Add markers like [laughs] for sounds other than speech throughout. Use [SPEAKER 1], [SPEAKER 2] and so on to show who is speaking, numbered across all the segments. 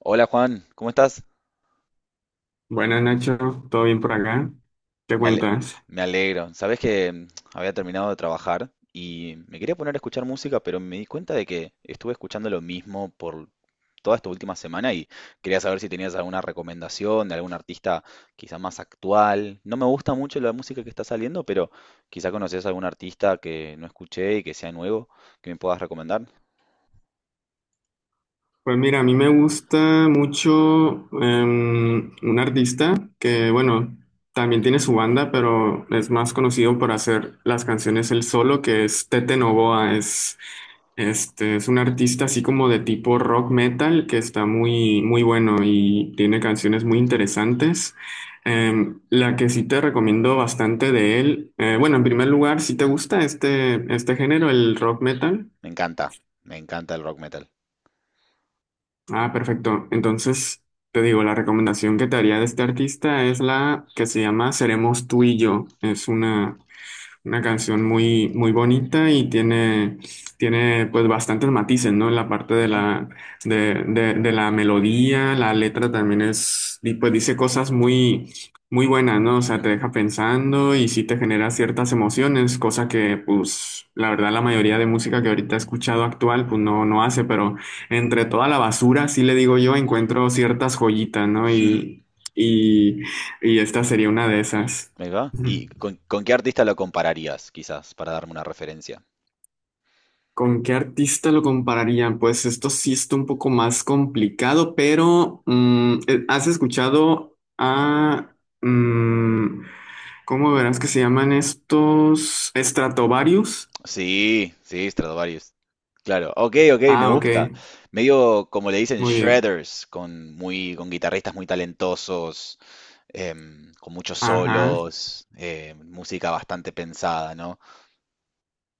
[SPEAKER 1] Hola Juan, ¿cómo estás?
[SPEAKER 2] Buenas Nacho, ¿todo bien por acá? ¿Qué
[SPEAKER 1] Me ale-
[SPEAKER 2] cuentas?
[SPEAKER 1] Me alegro. Sabés que había terminado de trabajar y me quería poner a escuchar música, pero me di cuenta de que estuve escuchando lo mismo por toda esta última semana y quería saber si tenías alguna recomendación de algún artista quizá más actual. No me gusta mucho la música que está saliendo, pero quizá conoces algún artista que no escuché y que sea nuevo, que me puedas recomendar.
[SPEAKER 2] Pues mira, a mí me gusta mucho un artista que, bueno, también tiene su banda, pero es más conocido por hacer las canciones él solo, que es Tete Novoa. Es Este es un artista así como de tipo rock metal que está muy, muy bueno y tiene canciones muy interesantes. La que sí te recomiendo bastante de él, bueno, en primer lugar, si te gusta este género, el rock metal,
[SPEAKER 1] Me encanta, me encanta el rock metal.
[SPEAKER 2] ah, perfecto. Entonces, te digo, la recomendación que te haría de este artista es la que se llama Seremos tú y yo. Una canción muy, muy bonita y tiene pues bastantes matices, ¿no? En la parte de
[SPEAKER 1] Ajá,
[SPEAKER 2] de la melodía, la letra también es, y pues dice cosas muy, muy buenas, ¿no? O sea, te
[SPEAKER 1] ujú.
[SPEAKER 2] deja pensando y sí te genera ciertas emociones, cosa que pues la verdad la mayoría de música que ahorita he escuchado actual pues no, no hace, pero entre toda la basura, sí le digo yo, encuentro ciertas joyitas, ¿no?
[SPEAKER 1] [laughs]
[SPEAKER 2] Y, y esta sería una de esas.
[SPEAKER 1] Ahí va. ¿Y
[SPEAKER 2] [laughs]
[SPEAKER 1] con qué artista lo compararías, quizás, para darme una referencia?
[SPEAKER 2] ¿Con qué artista lo compararía? Pues esto sí está un poco más complicado, pero ¿has escuchado a... mm, ¿cómo verás que se llaman estos? ¿Stratovarius?
[SPEAKER 1] Sí, sí, Stradivarius. Claro. Ok, ok, me
[SPEAKER 2] Ah, ok,
[SPEAKER 1] gusta. Medio como le dicen
[SPEAKER 2] muy bien.
[SPEAKER 1] shredders, con muy, con guitarristas muy talentosos, con muchos
[SPEAKER 2] Ajá,
[SPEAKER 1] solos, música bastante pensada, ¿no?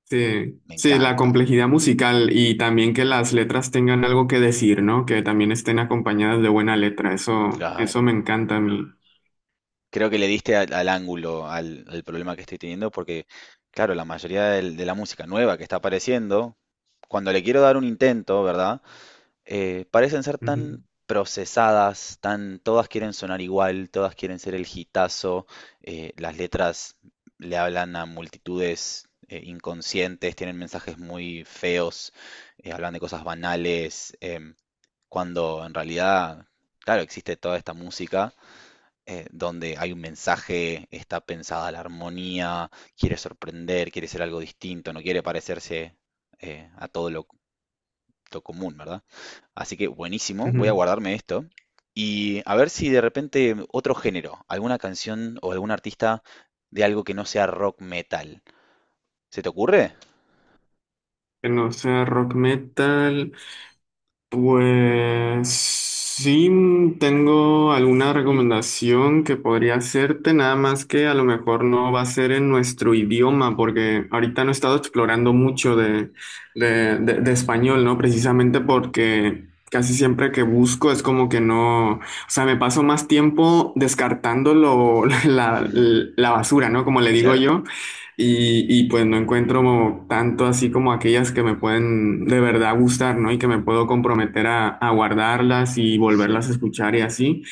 [SPEAKER 2] sí.
[SPEAKER 1] Me
[SPEAKER 2] Sí, la
[SPEAKER 1] encanta.
[SPEAKER 2] complejidad musical y también que las letras tengan algo que decir, ¿no? Que también estén acompañadas de buena letra. Eso
[SPEAKER 1] Claro.
[SPEAKER 2] me encanta a mí.
[SPEAKER 1] Creo que le diste al ángulo, al problema que estoy teniendo, porque, claro, la mayoría de la música nueva que está apareciendo, cuando le quiero dar un intento, ¿verdad? Parecen ser tan
[SPEAKER 2] Ujú,
[SPEAKER 1] procesadas, tan, todas quieren sonar igual, todas quieren ser el hitazo, las letras le hablan a multitudes inconscientes, tienen mensajes muy feos, hablan de cosas banales, cuando en realidad, claro, existe toda esta música donde hay un mensaje, está pensada la armonía, quiere sorprender, quiere ser algo distinto, no quiere parecerse a todo lo común, ¿verdad? Así que buenísimo, voy a
[SPEAKER 2] ujú.
[SPEAKER 1] guardarme esto. Y a ver si de repente otro género, alguna canción o algún artista de algo que no sea rock metal. ¿Se te ocurre?
[SPEAKER 2] Que no sea rock metal. Pues sí, tengo alguna recomendación que podría hacerte, nada más que a lo mejor no va a ser en nuestro idioma, porque ahorita no he estado explorando mucho de español, ¿no? Precisamente porque casi siempre que busco es como que no, o sea, me paso más tiempo descartando lo- [laughs]
[SPEAKER 1] [laughs] Ujú,
[SPEAKER 2] la basura, ¿no? Como le digo
[SPEAKER 1] claro,
[SPEAKER 2] yo pues no encuentro tanto así como aquellas que me pueden de verdad gustar, ¿no? Y que me puedo comprometer a guardarlas y
[SPEAKER 1] sí.
[SPEAKER 2] volverlas a escuchar y así.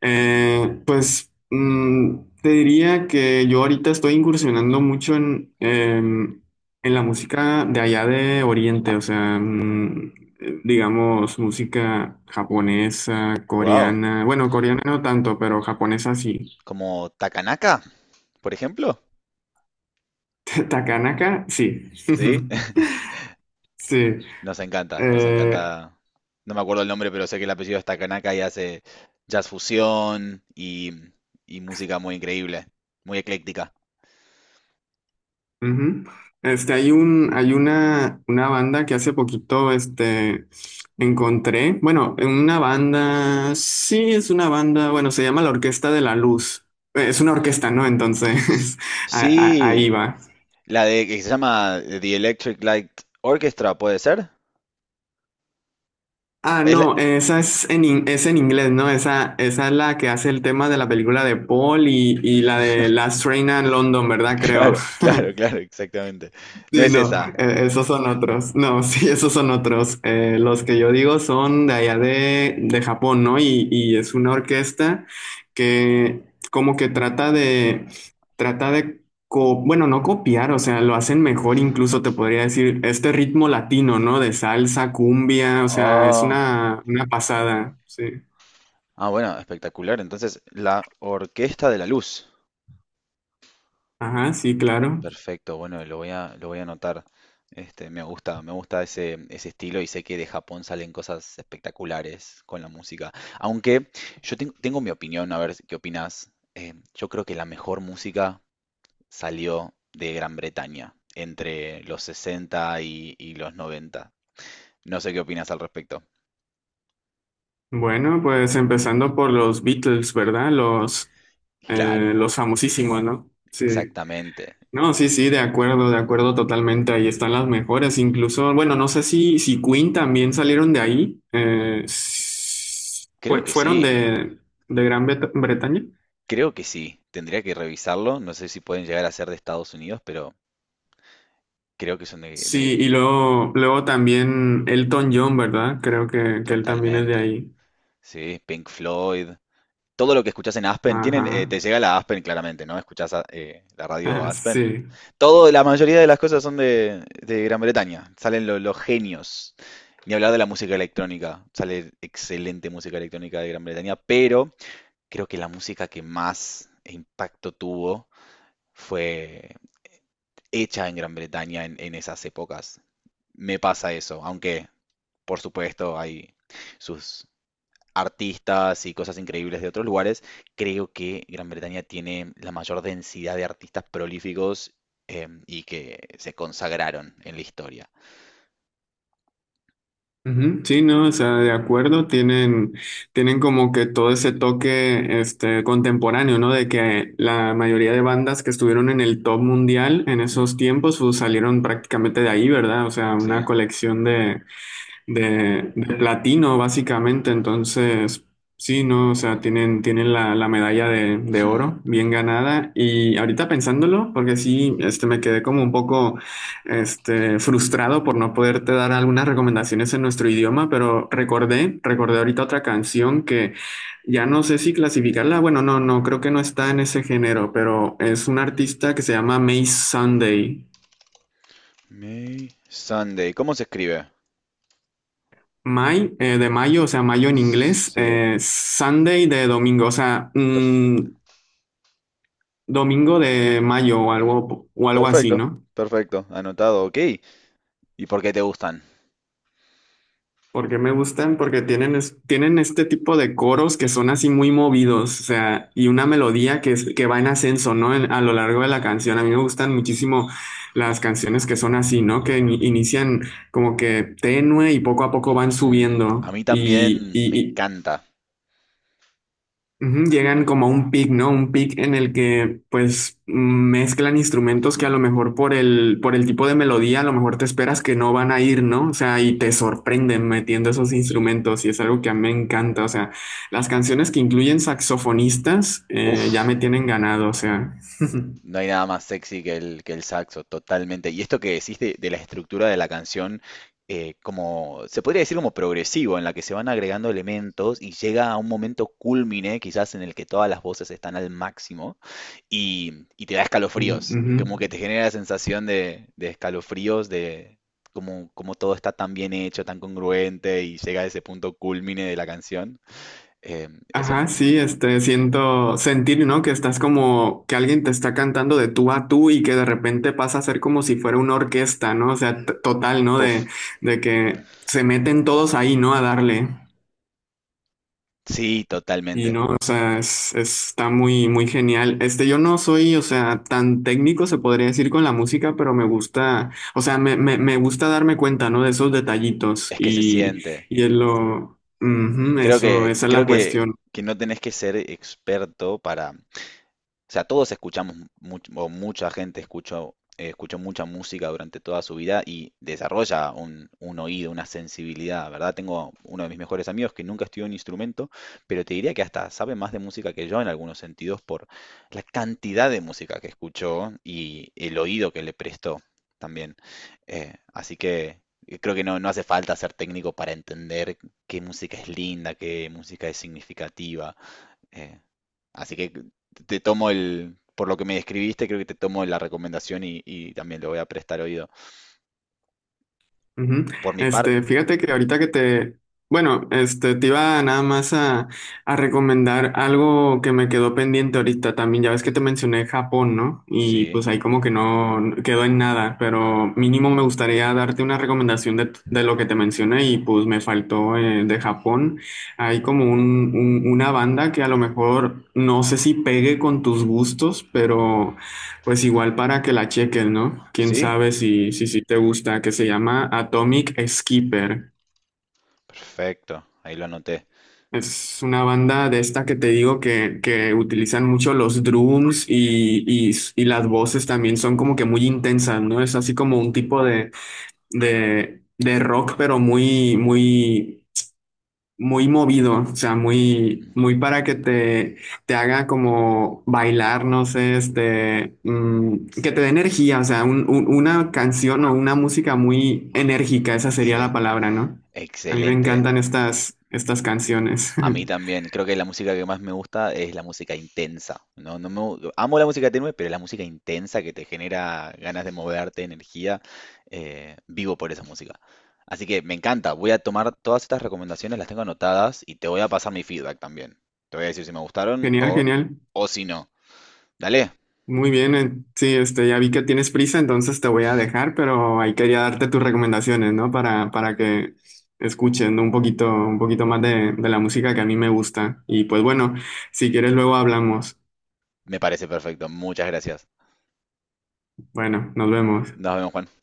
[SPEAKER 2] Te diría que yo ahorita estoy incursionando mucho en la música de allá de Oriente, o sea, digamos, música japonesa,
[SPEAKER 1] Wow,
[SPEAKER 2] coreana, bueno, coreana no tanto, pero japonesa sí.
[SPEAKER 1] como Takanaka, por ejemplo.
[SPEAKER 2] [laughs] Takanaka, sí.
[SPEAKER 1] Sí, [laughs]
[SPEAKER 2] [laughs] Sí.
[SPEAKER 1] nos encanta, nos
[SPEAKER 2] Eh,
[SPEAKER 1] encanta. No me acuerdo el nombre, pero sé que el apellido es Takanaka y hace jazz fusión y música muy increíble, muy ecléctica.
[SPEAKER 2] ujú. Este, hay una banda que hace poquito, este, encontré. Bueno, una banda, sí, es una banda, bueno, se llama la Orquesta de la Luz. Es una orquesta, ¿no?
[SPEAKER 1] S-
[SPEAKER 2] Entonces, [laughs] a- ahí
[SPEAKER 1] Sí,
[SPEAKER 2] va.
[SPEAKER 1] la de que se llama The Electric Light Orchestra, ¿puede ser?
[SPEAKER 2] Ah,
[SPEAKER 1] Es la-
[SPEAKER 2] no, esa es es en inglés, ¿no? Esa es la que hace el tema de la película de Paul y la de Last Train a London,
[SPEAKER 1] [laughs]
[SPEAKER 2] ¿verdad? Creo.
[SPEAKER 1] Claro, claro, claro, exactamente. No
[SPEAKER 2] Sí,
[SPEAKER 1] es
[SPEAKER 2] no,
[SPEAKER 1] esa.
[SPEAKER 2] esos son otros. No, [laughs] sí, esos son otros. Los que yo digo son de allá de Japón, ¿no? Y es una orquesta que como que trata de, co- bueno, no copiar, o sea, lo hacen mejor, incluso te podría decir, este ritmo latino, ¿no? De salsa, cumbia, o sea, es
[SPEAKER 1] Oh,
[SPEAKER 2] una pasada, sí.
[SPEAKER 1] ah, bueno, espectacular. Entonces, la Orquesta de la Luz.
[SPEAKER 2] Ajá, sí, claro.
[SPEAKER 1] Perfecto, bueno, lo voy a anotar. Este, me gusta ese, ese estilo y sé que de Japón salen cosas espectaculares con la música. Aunque yo tengo mi opinión, a ver qué opinas. Yo creo que la mejor música salió de Gran Bretaña entre los 60 y los noventa. No sé qué opinas al respecto.
[SPEAKER 2] Bueno, pues empezando por los Beatles, ¿verdad?
[SPEAKER 1] Claro,
[SPEAKER 2] Los famosísimos, ¿no? Sí.
[SPEAKER 1] exactamente.
[SPEAKER 2] No, sí, sí, de acuerdo totalmente. Ahí están las mejores. Incluso, bueno, no sé si, si Queen también salieron de ahí.
[SPEAKER 1] Creo que
[SPEAKER 2] Fueron
[SPEAKER 1] sí,
[SPEAKER 2] de Gran Bretaña.
[SPEAKER 1] creo que sí. Tendría que revisarlo. No sé si pueden llegar a ser de Estados Unidos, pero creo que son de,
[SPEAKER 2] Sí,
[SPEAKER 1] de-
[SPEAKER 2] y luego también Elton John, ¿verdad? Creo que él también es de
[SPEAKER 1] Totalmente.
[SPEAKER 2] ahí.
[SPEAKER 1] Sí, Pink Floyd, todo lo que escuchás en Aspen, tienen,
[SPEAKER 2] Ajá.
[SPEAKER 1] te llega la Aspen claramente, ¿no? La radio
[SPEAKER 2] [laughs]
[SPEAKER 1] Aspen.
[SPEAKER 2] Sí.
[SPEAKER 1] Todo, la mayoría de las cosas son de Gran Bretaña. Salen los genios. Ni hablar de la música electrónica. Sale excelente música electrónica de Gran Bretaña, pero creo que la música que más impacto tuvo fue hecha en Gran Bretaña en esas épocas. Me pasa eso, aunque por supuesto hay sus artistas y cosas increíbles de otros lugares, creo que Gran Bretaña tiene la mayor densidad de artistas prolíficos y que se consagraron en la historia.
[SPEAKER 2] Ujú, sí, no, o sea, de acuerdo, tienen como que todo ese toque este, contemporáneo, ¿no? De que la mayoría de bandas que estuvieron en el top mundial en
[SPEAKER 1] Mm,
[SPEAKER 2] esos tiempos, pues, salieron prácticamente de ahí, ¿verdad? O sea, una
[SPEAKER 1] sí.
[SPEAKER 2] colección de platino, básicamente. Entonces, sí, ¿no? O sea, tienen la medalla de
[SPEAKER 1] Mm.
[SPEAKER 2] oro bien ganada. Y ahorita pensándolo, porque sí, este, me quedé como un poco este, frustrado por no poderte dar algunas recomendaciones en nuestro idioma, pero recordé ahorita otra canción que ya no sé si clasificarla. Bueno, no, no, creo que no está en ese género, pero es un artista que se llama May Sunday.
[SPEAKER 1] May Sunday. ¿Cómo se escribe?
[SPEAKER 2] May, de mayo, o sea, mayo en inglés,
[SPEAKER 1] Sí,
[SPEAKER 2] Sunday de domingo, o sea,
[SPEAKER 1] perfecto.
[SPEAKER 2] domingo de mayo o algo así,
[SPEAKER 1] Perfecto,
[SPEAKER 2] ¿no?
[SPEAKER 1] perfecto. Anotado, ok. ¿Y por qué te gustan?
[SPEAKER 2] Porque me gustan, porque tienen, es- tienen este tipo de coros que son así muy movidos, o sea, y una melodía que, es- que va en ascenso, ¿no? En- a lo largo de la canción. A mí me gustan muchísimo las canciones que son así, ¿no? Que in- inician como que tenue y poco a poco van
[SPEAKER 1] Mm, a
[SPEAKER 2] subiendo.
[SPEAKER 1] mí también me encanta.
[SPEAKER 2] Ujú, llegan como a un pic, ¿no? Un pic en el que pues mezclan instrumentos que a
[SPEAKER 1] Mm.
[SPEAKER 2] lo mejor por por el tipo de melodía a lo mejor te esperas que no van a ir, ¿no? O sea, y te sorprenden metiendo esos instrumentos y es algo que a mí me encanta. O sea, las canciones que incluyen saxofonistas ya
[SPEAKER 1] Uf,
[SPEAKER 2] me tienen ganado, o sea. [laughs]
[SPEAKER 1] no hay nada más sexy que el saxo, totalmente. Y esto que decís de la estructura de la canción, como se podría decir como progresivo, en la que se van agregando elementos y llega a un momento cúlmine, quizás en el que todas las voces están al máximo y te da escalofríos,
[SPEAKER 2] Ujú.
[SPEAKER 1] como que te genera la sensación de escalofríos, de como, como todo está tan bien hecho, tan congruente y llega a ese punto cúlmine de la canción. Eh, eso,
[SPEAKER 2] Ajá, sí, este, sentir, ¿no? Que estás como que alguien te está cantando de tú a tú y que de repente pasa a ser como si fuera una orquesta, ¿no? O sea, t- total, ¿no?
[SPEAKER 1] puff,
[SPEAKER 2] De que se meten todos ahí, ¿no? A darle.
[SPEAKER 1] sí,
[SPEAKER 2] Y
[SPEAKER 1] totalmente.
[SPEAKER 2] no, o sea, está muy, muy genial. Este, yo no soy, o sea, tan técnico se podría decir con la música, pero me gusta, o sea, me gusta darme cuenta, ¿no? De esos detallitos
[SPEAKER 1] Es que se siente.
[SPEAKER 2] y es lo, ujú,
[SPEAKER 1] Creo
[SPEAKER 2] eso,
[SPEAKER 1] que,
[SPEAKER 2] esa es
[SPEAKER 1] creo
[SPEAKER 2] la
[SPEAKER 1] que,
[SPEAKER 2] cuestión.
[SPEAKER 1] que no tenés que ser experto para, o sea, todos escuchamos, o mucha gente escuchó, escuchó mucha música durante toda su vida y desarrolla un oído, una sensibilidad, ¿verdad? Tengo uno de mis mejores amigos que nunca estudió un instrumento, pero te diría que hasta sabe más de música que yo en algunos sentidos por la cantidad de música que escuchó y el oído que le prestó también. Así que creo que no, no hace falta ser técnico para entender qué música es linda, qué música es significativa, eh, así que te tomo el, por lo que me describiste, creo que te tomo la recomendación y también le voy a prestar oído.
[SPEAKER 2] Ujú.
[SPEAKER 1] Por mi parte,
[SPEAKER 2] Este, fíjate que ahorita que te, bueno, este, te iba nada más a recomendar algo que me quedó pendiente ahorita también. Ya ves que te mencioné Japón, ¿no? Y
[SPEAKER 1] sí,
[SPEAKER 2] pues ahí como que no quedó en nada, pero mínimo me gustaría darte una recomendación de lo que te mencioné y pues me faltó de Japón. Hay como una banda que a lo mejor no sé si pegue con tus gustos, pero pues igual para que la chequen, ¿no? Quién
[SPEAKER 1] sí,
[SPEAKER 2] sabe si te gusta, que se llama Atomic Skipper.
[SPEAKER 1] perfecto, ahí lo anoté.
[SPEAKER 2] Es una banda de esta que te digo que utilizan mucho los drums y las voces también son como que muy intensas, ¿no? Es así como un tipo de rock, pero muy movido, o sea, muy,
[SPEAKER 1] Ujú,
[SPEAKER 2] muy para que te haga como bailar, no sé, este, que te dé energía, o sea, una canción o una música muy enérgica, esa sería
[SPEAKER 1] sí,
[SPEAKER 2] la palabra, ¿no? A mí me
[SPEAKER 1] excelente.
[SPEAKER 2] encantan estas canciones.
[SPEAKER 1] A mí
[SPEAKER 2] [laughs]
[SPEAKER 1] también, creo que la música que más me gusta es la música intensa. No, amo la música tenue, pero la música intensa que te genera ganas de moverte, energía, vivo por esa música. Así que me encanta, voy a tomar todas estas recomendaciones, las tengo anotadas y te voy a pasar mi feedback también. Te voy a decir si me gustaron
[SPEAKER 2] Genial, genial.
[SPEAKER 1] o si no. Dale,
[SPEAKER 2] Muy bien, sí, este, ya vi que tienes prisa, entonces te voy a dejar, pero ahí quería darte tus recomendaciones, ¿no? Para que escuchen un poquito más de la música que a mí me gusta. Y pues bueno, si quieres luego hablamos.
[SPEAKER 1] me parece perfecto. Muchas gracias.
[SPEAKER 2] Bueno, nos vemos.
[SPEAKER 1] Nos vemos, Juan.